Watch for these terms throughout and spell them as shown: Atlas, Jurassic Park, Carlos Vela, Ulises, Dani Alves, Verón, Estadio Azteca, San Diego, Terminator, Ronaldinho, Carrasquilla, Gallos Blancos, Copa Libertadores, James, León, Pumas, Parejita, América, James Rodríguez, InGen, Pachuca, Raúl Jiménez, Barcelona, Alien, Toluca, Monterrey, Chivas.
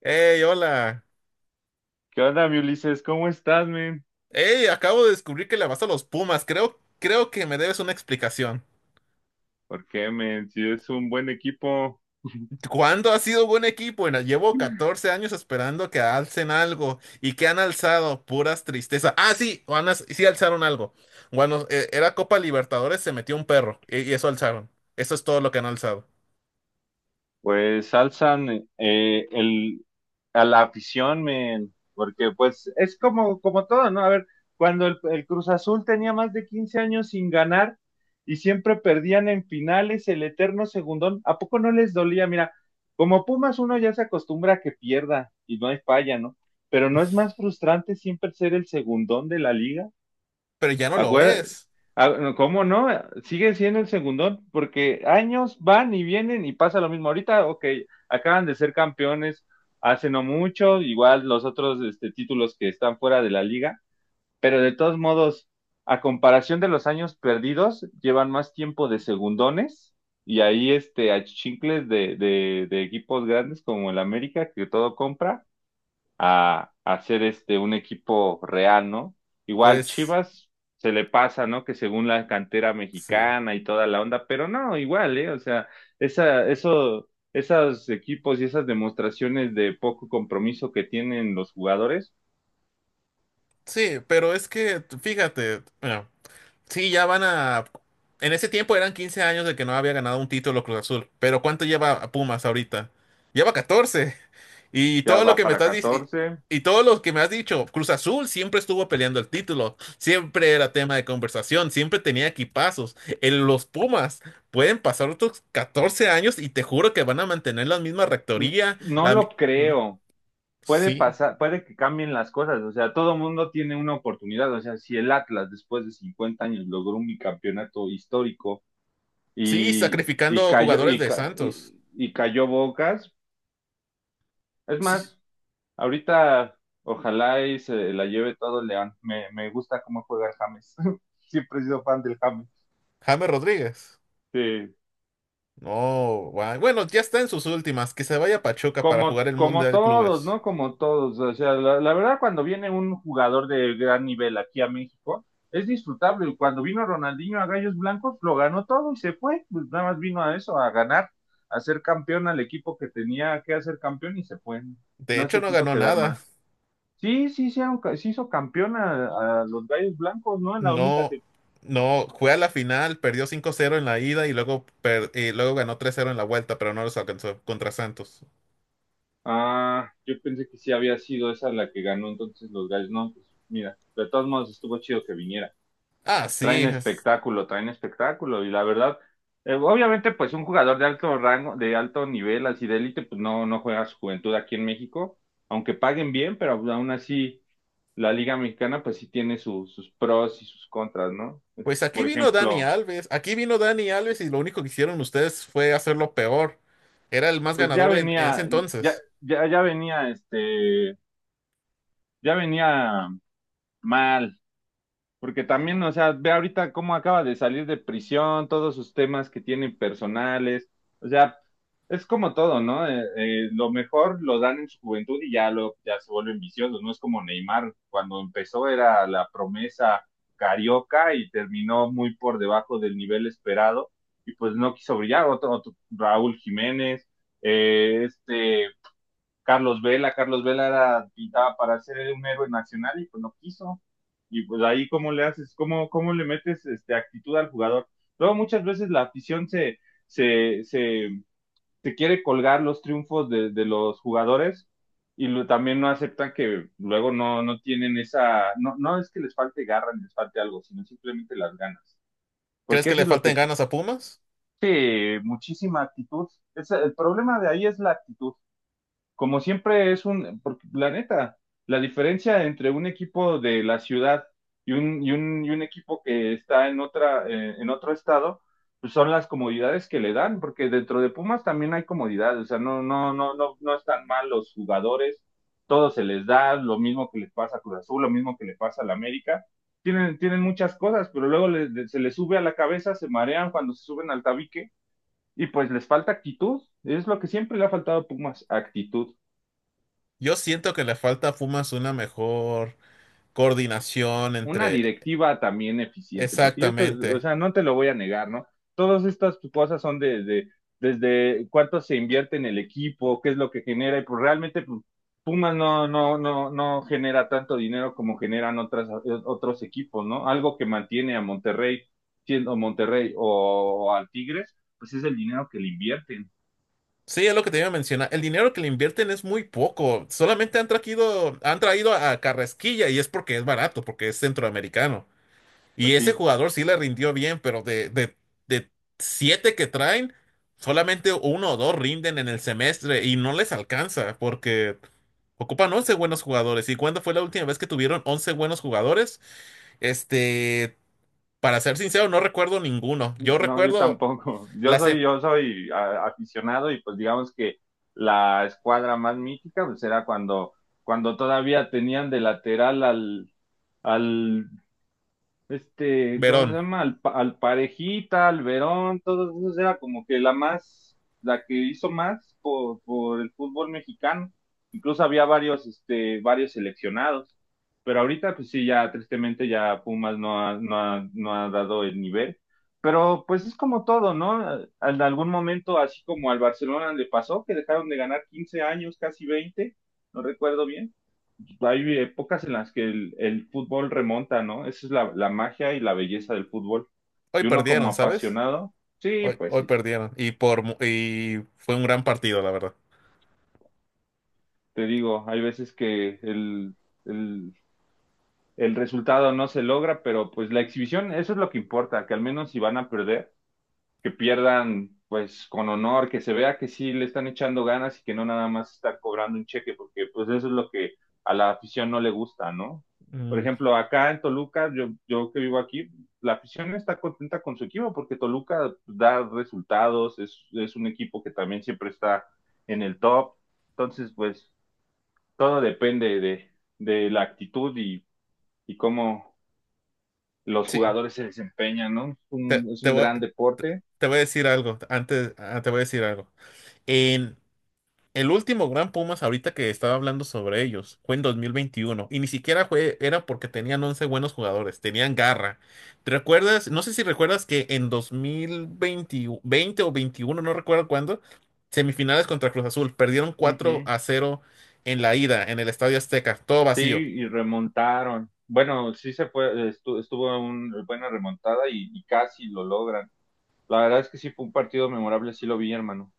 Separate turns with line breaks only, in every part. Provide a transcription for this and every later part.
Hey, hola.
¿Qué onda, mi Ulises? ¿Cómo estás, men?
Hey, acabo de descubrir que le vas a los Pumas. Creo que me debes una explicación.
¿Por qué, men? Si es un buen equipo,
¿Cuándo ha sido buen equipo? Bueno, llevo 14 años esperando que alcen algo. ¿Y que han alzado? Puras tristeza. Ah, sí, sí alzaron algo. Bueno, era Copa Libertadores, se metió un perro. Y eso alzaron. Eso es todo lo que han alzado.
pues alzan eh, el, a la afición, men. Porque, pues, es como todo, ¿no? A ver, cuando el Cruz Azul tenía más de 15 años sin ganar y siempre perdían en finales el eterno segundón, ¿a poco no les dolía? Mira, como Pumas uno ya se acostumbra a que pierda y no hay falla, ¿no? Pero ¿no es más frustrante siempre ser el segundón de la liga?
Pero ya no lo
Acuérdate,
es.
ah, no, ¿cómo no? Sigue siendo el segundón, porque años van y vienen y pasa lo mismo. Ahorita, ok, acaban de ser campeones hace no mucho. Igual los otros títulos que están fuera de la liga, pero de todos modos, a comparación de los años perdidos, llevan más tiempo de segundones y ahí achichincles de equipos grandes como el América, que todo compra a ser un equipo real, ¿no? Igual
Pues,
Chivas se le pasa, ¿no? Que según la cantera
sí.
mexicana y toda la onda, pero no, igual, ¿eh? O sea, esos equipos y esas demostraciones de poco compromiso que tienen los jugadores.
Sí, pero es que, fíjate. Sí, ya van a... En ese tiempo eran 15 años de que no había ganado un título Cruz Azul, pero ¿cuánto lleva a Pumas ahorita? Lleva catorce. Y
Ya
todo lo
va
que me
para
estás dic-
14.
y todo lo que me has dicho, Cruz Azul siempre estuvo peleando el título, siempre era tema de conversación, siempre tenía equipazos. En los Pumas pueden pasar otros 14 años y te juro que van a mantener la misma rectoría,
No
la mi-
lo creo. Puede
Sí,
pasar, puede que cambien las cosas, o sea, todo mundo tiene una oportunidad. O sea, si el Atlas después de 50 años logró un bicampeonato histórico,
sí,
y
sacrificando
cayó,
jugadores
y,
de
ca-
Santos.
y cayó Bocas. Es
Sí,
más, ahorita ojalá y se la lleve todo el León. Me gusta cómo juega el James. Siempre he sido fan del James.
James Rodríguez.
Sí.
No, guay. Bueno, ya está en sus últimas. Que se vaya a Pachuca para
Como,
jugar el
como
Mundial de
todos,
Clubes.
¿no? Como todos. O sea, la verdad, cuando viene un jugador de gran nivel aquí a México, es disfrutable. Cuando vino Ronaldinho a Gallos Blancos, lo ganó todo y se fue. Pues nada más vino a eso, a ganar, a ser campeón al equipo que tenía que hacer campeón y se fue.
De
No
hecho,
se
no
quiso
ganó
quedar
nada.
más. Sí, sí, sí, se hizo campeón a los Gallos Blancos, ¿no? En la única
No,
tem-
no, fue a la final, perdió 5-0 en la ida y luego, y luego ganó 3-0 en la vuelta, pero no los alcanzó contra Santos.
Ah, yo pensé que sí había sido esa la que ganó entonces los Gallos. No, pues mira, de todos modos estuvo chido que viniera.
Ah, sí.
Traen
es-
espectáculo, traen espectáculo. Y la verdad, obviamente, pues un jugador de alto rango, de alto nivel, así de élite, pues no juega su juventud aquí en México, aunque paguen bien, pero aún así la Liga Mexicana, pues sí tiene sus pros y sus contras, ¿no?
Pues aquí
Por
vino Dani
ejemplo,
Alves. Aquí vino Dani Alves y lo único que hicieron ustedes fue hacerlo peor. Era el más
pues ya
ganador en ese
venía, ya,
entonces.
ya, ya venía, este, ya venía mal. Porque también, o sea, ve ahorita cómo acaba de salir de prisión, todos sus temas que tienen personales. O sea, es como todo, ¿no? Lo mejor lo dan en su juventud y ya, ya se vuelven viciosos. No es como Neymar, cuando empezó era la promesa carioca y terminó muy por debajo del nivel esperado y pues no quiso brillar. Otro Raúl Jiménez, eh, este Carlos Vela. Carlos Vela era, pintaba para ser un héroe nacional y pues no quiso. Y pues ahí cómo le haces, cómo le metes actitud al jugador. Luego muchas veces la afición se, se, se quiere colgar los triunfos de los jugadores y también no aceptan que luego no tienen esa, no, no es que les falte garra ni les falte algo, sino simplemente las ganas.
¿Crees
Porque
que
eso
le
es lo que
falten
es.
ganas a Pumas?
Sí, muchísima actitud. El problema de ahí es la actitud, como siempre es porque la neta, la diferencia entre un equipo de la ciudad y un equipo que está en en otro estado, pues son las comodidades que le dan, porque dentro de Pumas también hay comodidades, o sea, no están mal los jugadores, todo se les da, lo mismo que les pasa a Cruz Azul, lo mismo que le pasa a la América, tienen muchas cosas, pero luego se les sube a la cabeza, se marean cuando se suben al tabique, y pues les falta actitud, es lo que siempre le ha faltado a Pumas, actitud.
Yo siento que le falta a Pumas una mejor coordinación
Una
entre.
directiva también eficiente, porque o
Exactamente.
sea, no te lo voy a negar, ¿no? Todas estas cosas son desde cuánto se invierte en el equipo, qué es lo que genera, y pues realmente pues, Pumas no genera tanto dinero como generan otros equipos, ¿no? Algo que mantiene a Monterrey siendo Monterrey o al Tigres, pues es el dinero que le invierten.
Sí, es lo que te iba a mencionar. El dinero que le invierten es muy poco. Solamente han traído a Carrasquilla y es porque es barato, porque es centroamericano. Y
Pues
ese
sí.
jugador sí le rindió bien, pero de siete que traen, solamente uno o dos rinden en el semestre y no les alcanza porque ocupan 11 buenos jugadores. ¿Y cuándo fue la última vez que tuvieron 11 buenos jugadores? Este, para ser sincero, no recuerdo ninguno. Yo
No, yo
recuerdo
tampoco.
la... se-
Aficionado y pues digamos que la escuadra más mítica pues era cuando todavía tenían de lateral al ¿cómo se
Verón.
llama? Al Parejita, al Verón, todos esos era como que la más, la que hizo más por el fútbol mexicano. Incluso había varios seleccionados. Pero ahorita, pues sí, ya tristemente ya Pumas no ha dado el nivel. Pero pues es como todo, ¿no? En algún momento, así como al Barcelona le pasó, que dejaron de ganar 15 años, casi 20, no recuerdo bien. Hay épocas en las que el fútbol remonta, ¿no? Esa es la magia y la belleza del fútbol.
Hoy
Y uno como
perdieron, ¿sabes?
apasionado, sí,
Hoy,
pues
hoy
sí,
perdieron. Y fue un gran partido, la verdad.
te digo, hay veces que el, el resultado no se logra, pero pues la exhibición, eso es lo que importa, que al menos si van a perder, que pierdan pues con honor, que se vea que sí le están echando ganas y que no nada más estar cobrando un cheque, porque pues eso es lo que a la afición no le gusta, ¿no? Por
Mm,
ejemplo, acá en Toluca, yo que vivo aquí, la afición está contenta con su equipo porque Toluca da resultados, es un equipo que también siempre está en el top, entonces pues todo depende de la actitud y cómo los
sí.
jugadores se desempeñan, ¿no? Es un,
Te,
es
te
un
voy,
gran deporte.
te voy a decir algo. Antes, te voy a decir algo. En el último Gran Pumas, ahorita que estaba hablando sobre ellos, fue en dos mil veintiuno. Y ni siquiera fue, era porque tenían 11 buenos jugadores. Tenían garra. ¿Te recuerdas? No sé si recuerdas que en 2020, 20 o 21 no recuerdo cuándo, semifinales contra Cruz Azul. Perdieron cuatro
Ujú.
a cero en la ida, en el Estadio Azteca. Todo
Sí,
vacío.
y remontaron. Bueno, sí se fue, estuvo una buena remontada y casi lo logran. La verdad es que sí fue un partido memorable, sí lo vi, hermano.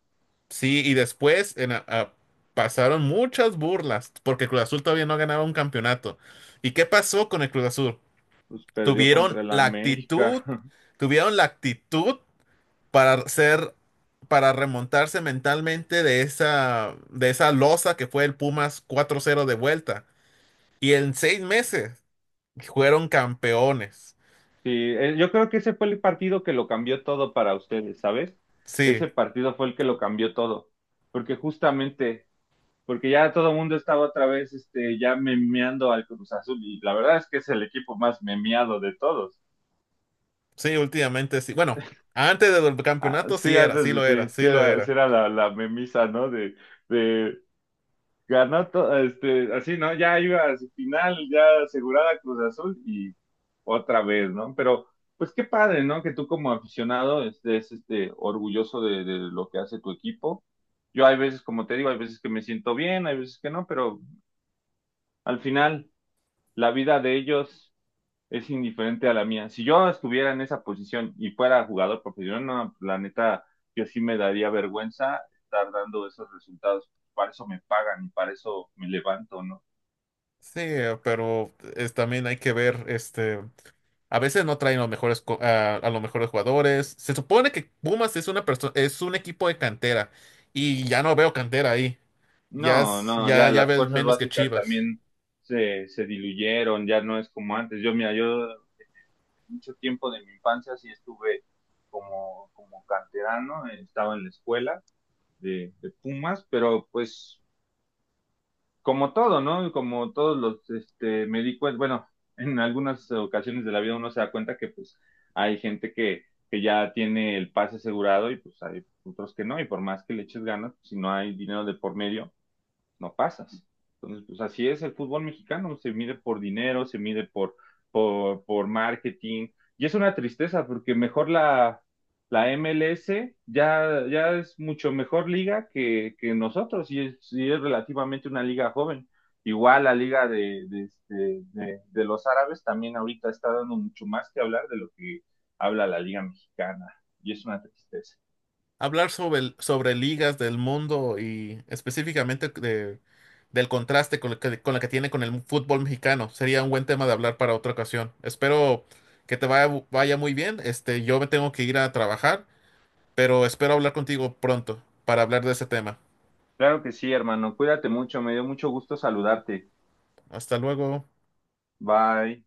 Sí, y después en a- pasaron muchas burlas porque Cruz Azul todavía no ganaba un campeonato. ¿Y qué pasó con el Cruz Azul?
Pues perdió contra
Tuvieron
el
la
América.
actitud, tuvieron la actitud para ser, para remontarse mentalmente de esa losa que fue el Pumas 4-0 de vuelta. Y en 6 meses fueron campeones.
Sí, yo creo que ese fue el partido que lo cambió todo para ustedes, ¿sabes?
Sí,
Ese partido fue el que lo cambió todo. Porque justamente, porque ya todo el mundo estaba otra vez, ya memeando al Cruz Azul. Y la verdad es que es el equipo más memeado de todos.
sí, últimamente sí. Bueno, antes del
Ah,
campeonato sí
sí,
era, sí lo
antes
era,
de sí,
sí lo
sí
era.
era la memisa, ¿no? De ganó todo, así, ¿no? Ya iba a su final, ya asegurada Cruz Azul y otra vez, ¿no? Pero, pues qué padre, ¿no? Que tú como aficionado estés, orgulloso de lo que hace tu equipo. Yo hay veces, como te digo, hay veces que me siento bien, hay veces que no, pero al final la vida de ellos es indiferente a la mía. Si yo no estuviera en esa posición y fuera jugador profesional, no, la neta, yo sí me daría vergüenza estar dando esos resultados. Para eso me pagan y para eso me levanto, ¿no?
Sí, pero es, también hay que ver, este, a veces no traen los mejores, a los mejores jugadores. Se supone que Pumas es una persona, es un equipo de cantera y ya no veo cantera ahí.
No, no,
Ya,
ya
ya
las
ves
fuerzas
menos que
básicas
Chivas.
también se diluyeron, ya no es como antes. Yo, mira, yo mucho tiempo de mi infancia sí estuve como canterano, estaba en la escuela de Pumas, pero pues como todo, ¿no? Como todos los, este, me di cuenta, bueno, en algunas ocasiones de la vida uno se da cuenta que pues hay gente que ya tiene el pase asegurado y pues hay otros que no, y por más que le eches ganas, pues, si no hay dinero de por medio, no pasas. Entonces, pues así es el fútbol mexicano, se mide por dinero, se mide por marketing, y es una tristeza porque mejor la MLS ya es mucho mejor liga que nosotros y es relativamente una liga joven. Igual la liga de los árabes también ahorita está dando mucho más que hablar de lo que habla la liga mexicana y es una tristeza.
Hablar sobre, sobre ligas del mundo y específicamente del contraste con, con la que tiene con el fútbol mexicano sería un buen tema de hablar para otra ocasión. Espero que vaya muy bien. Este, yo me tengo que ir a trabajar, pero espero hablar contigo pronto para hablar de ese tema.
Claro que sí, hermano, cuídate mucho, me dio mucho gusto saludarte.
Hasta luego.
Bye.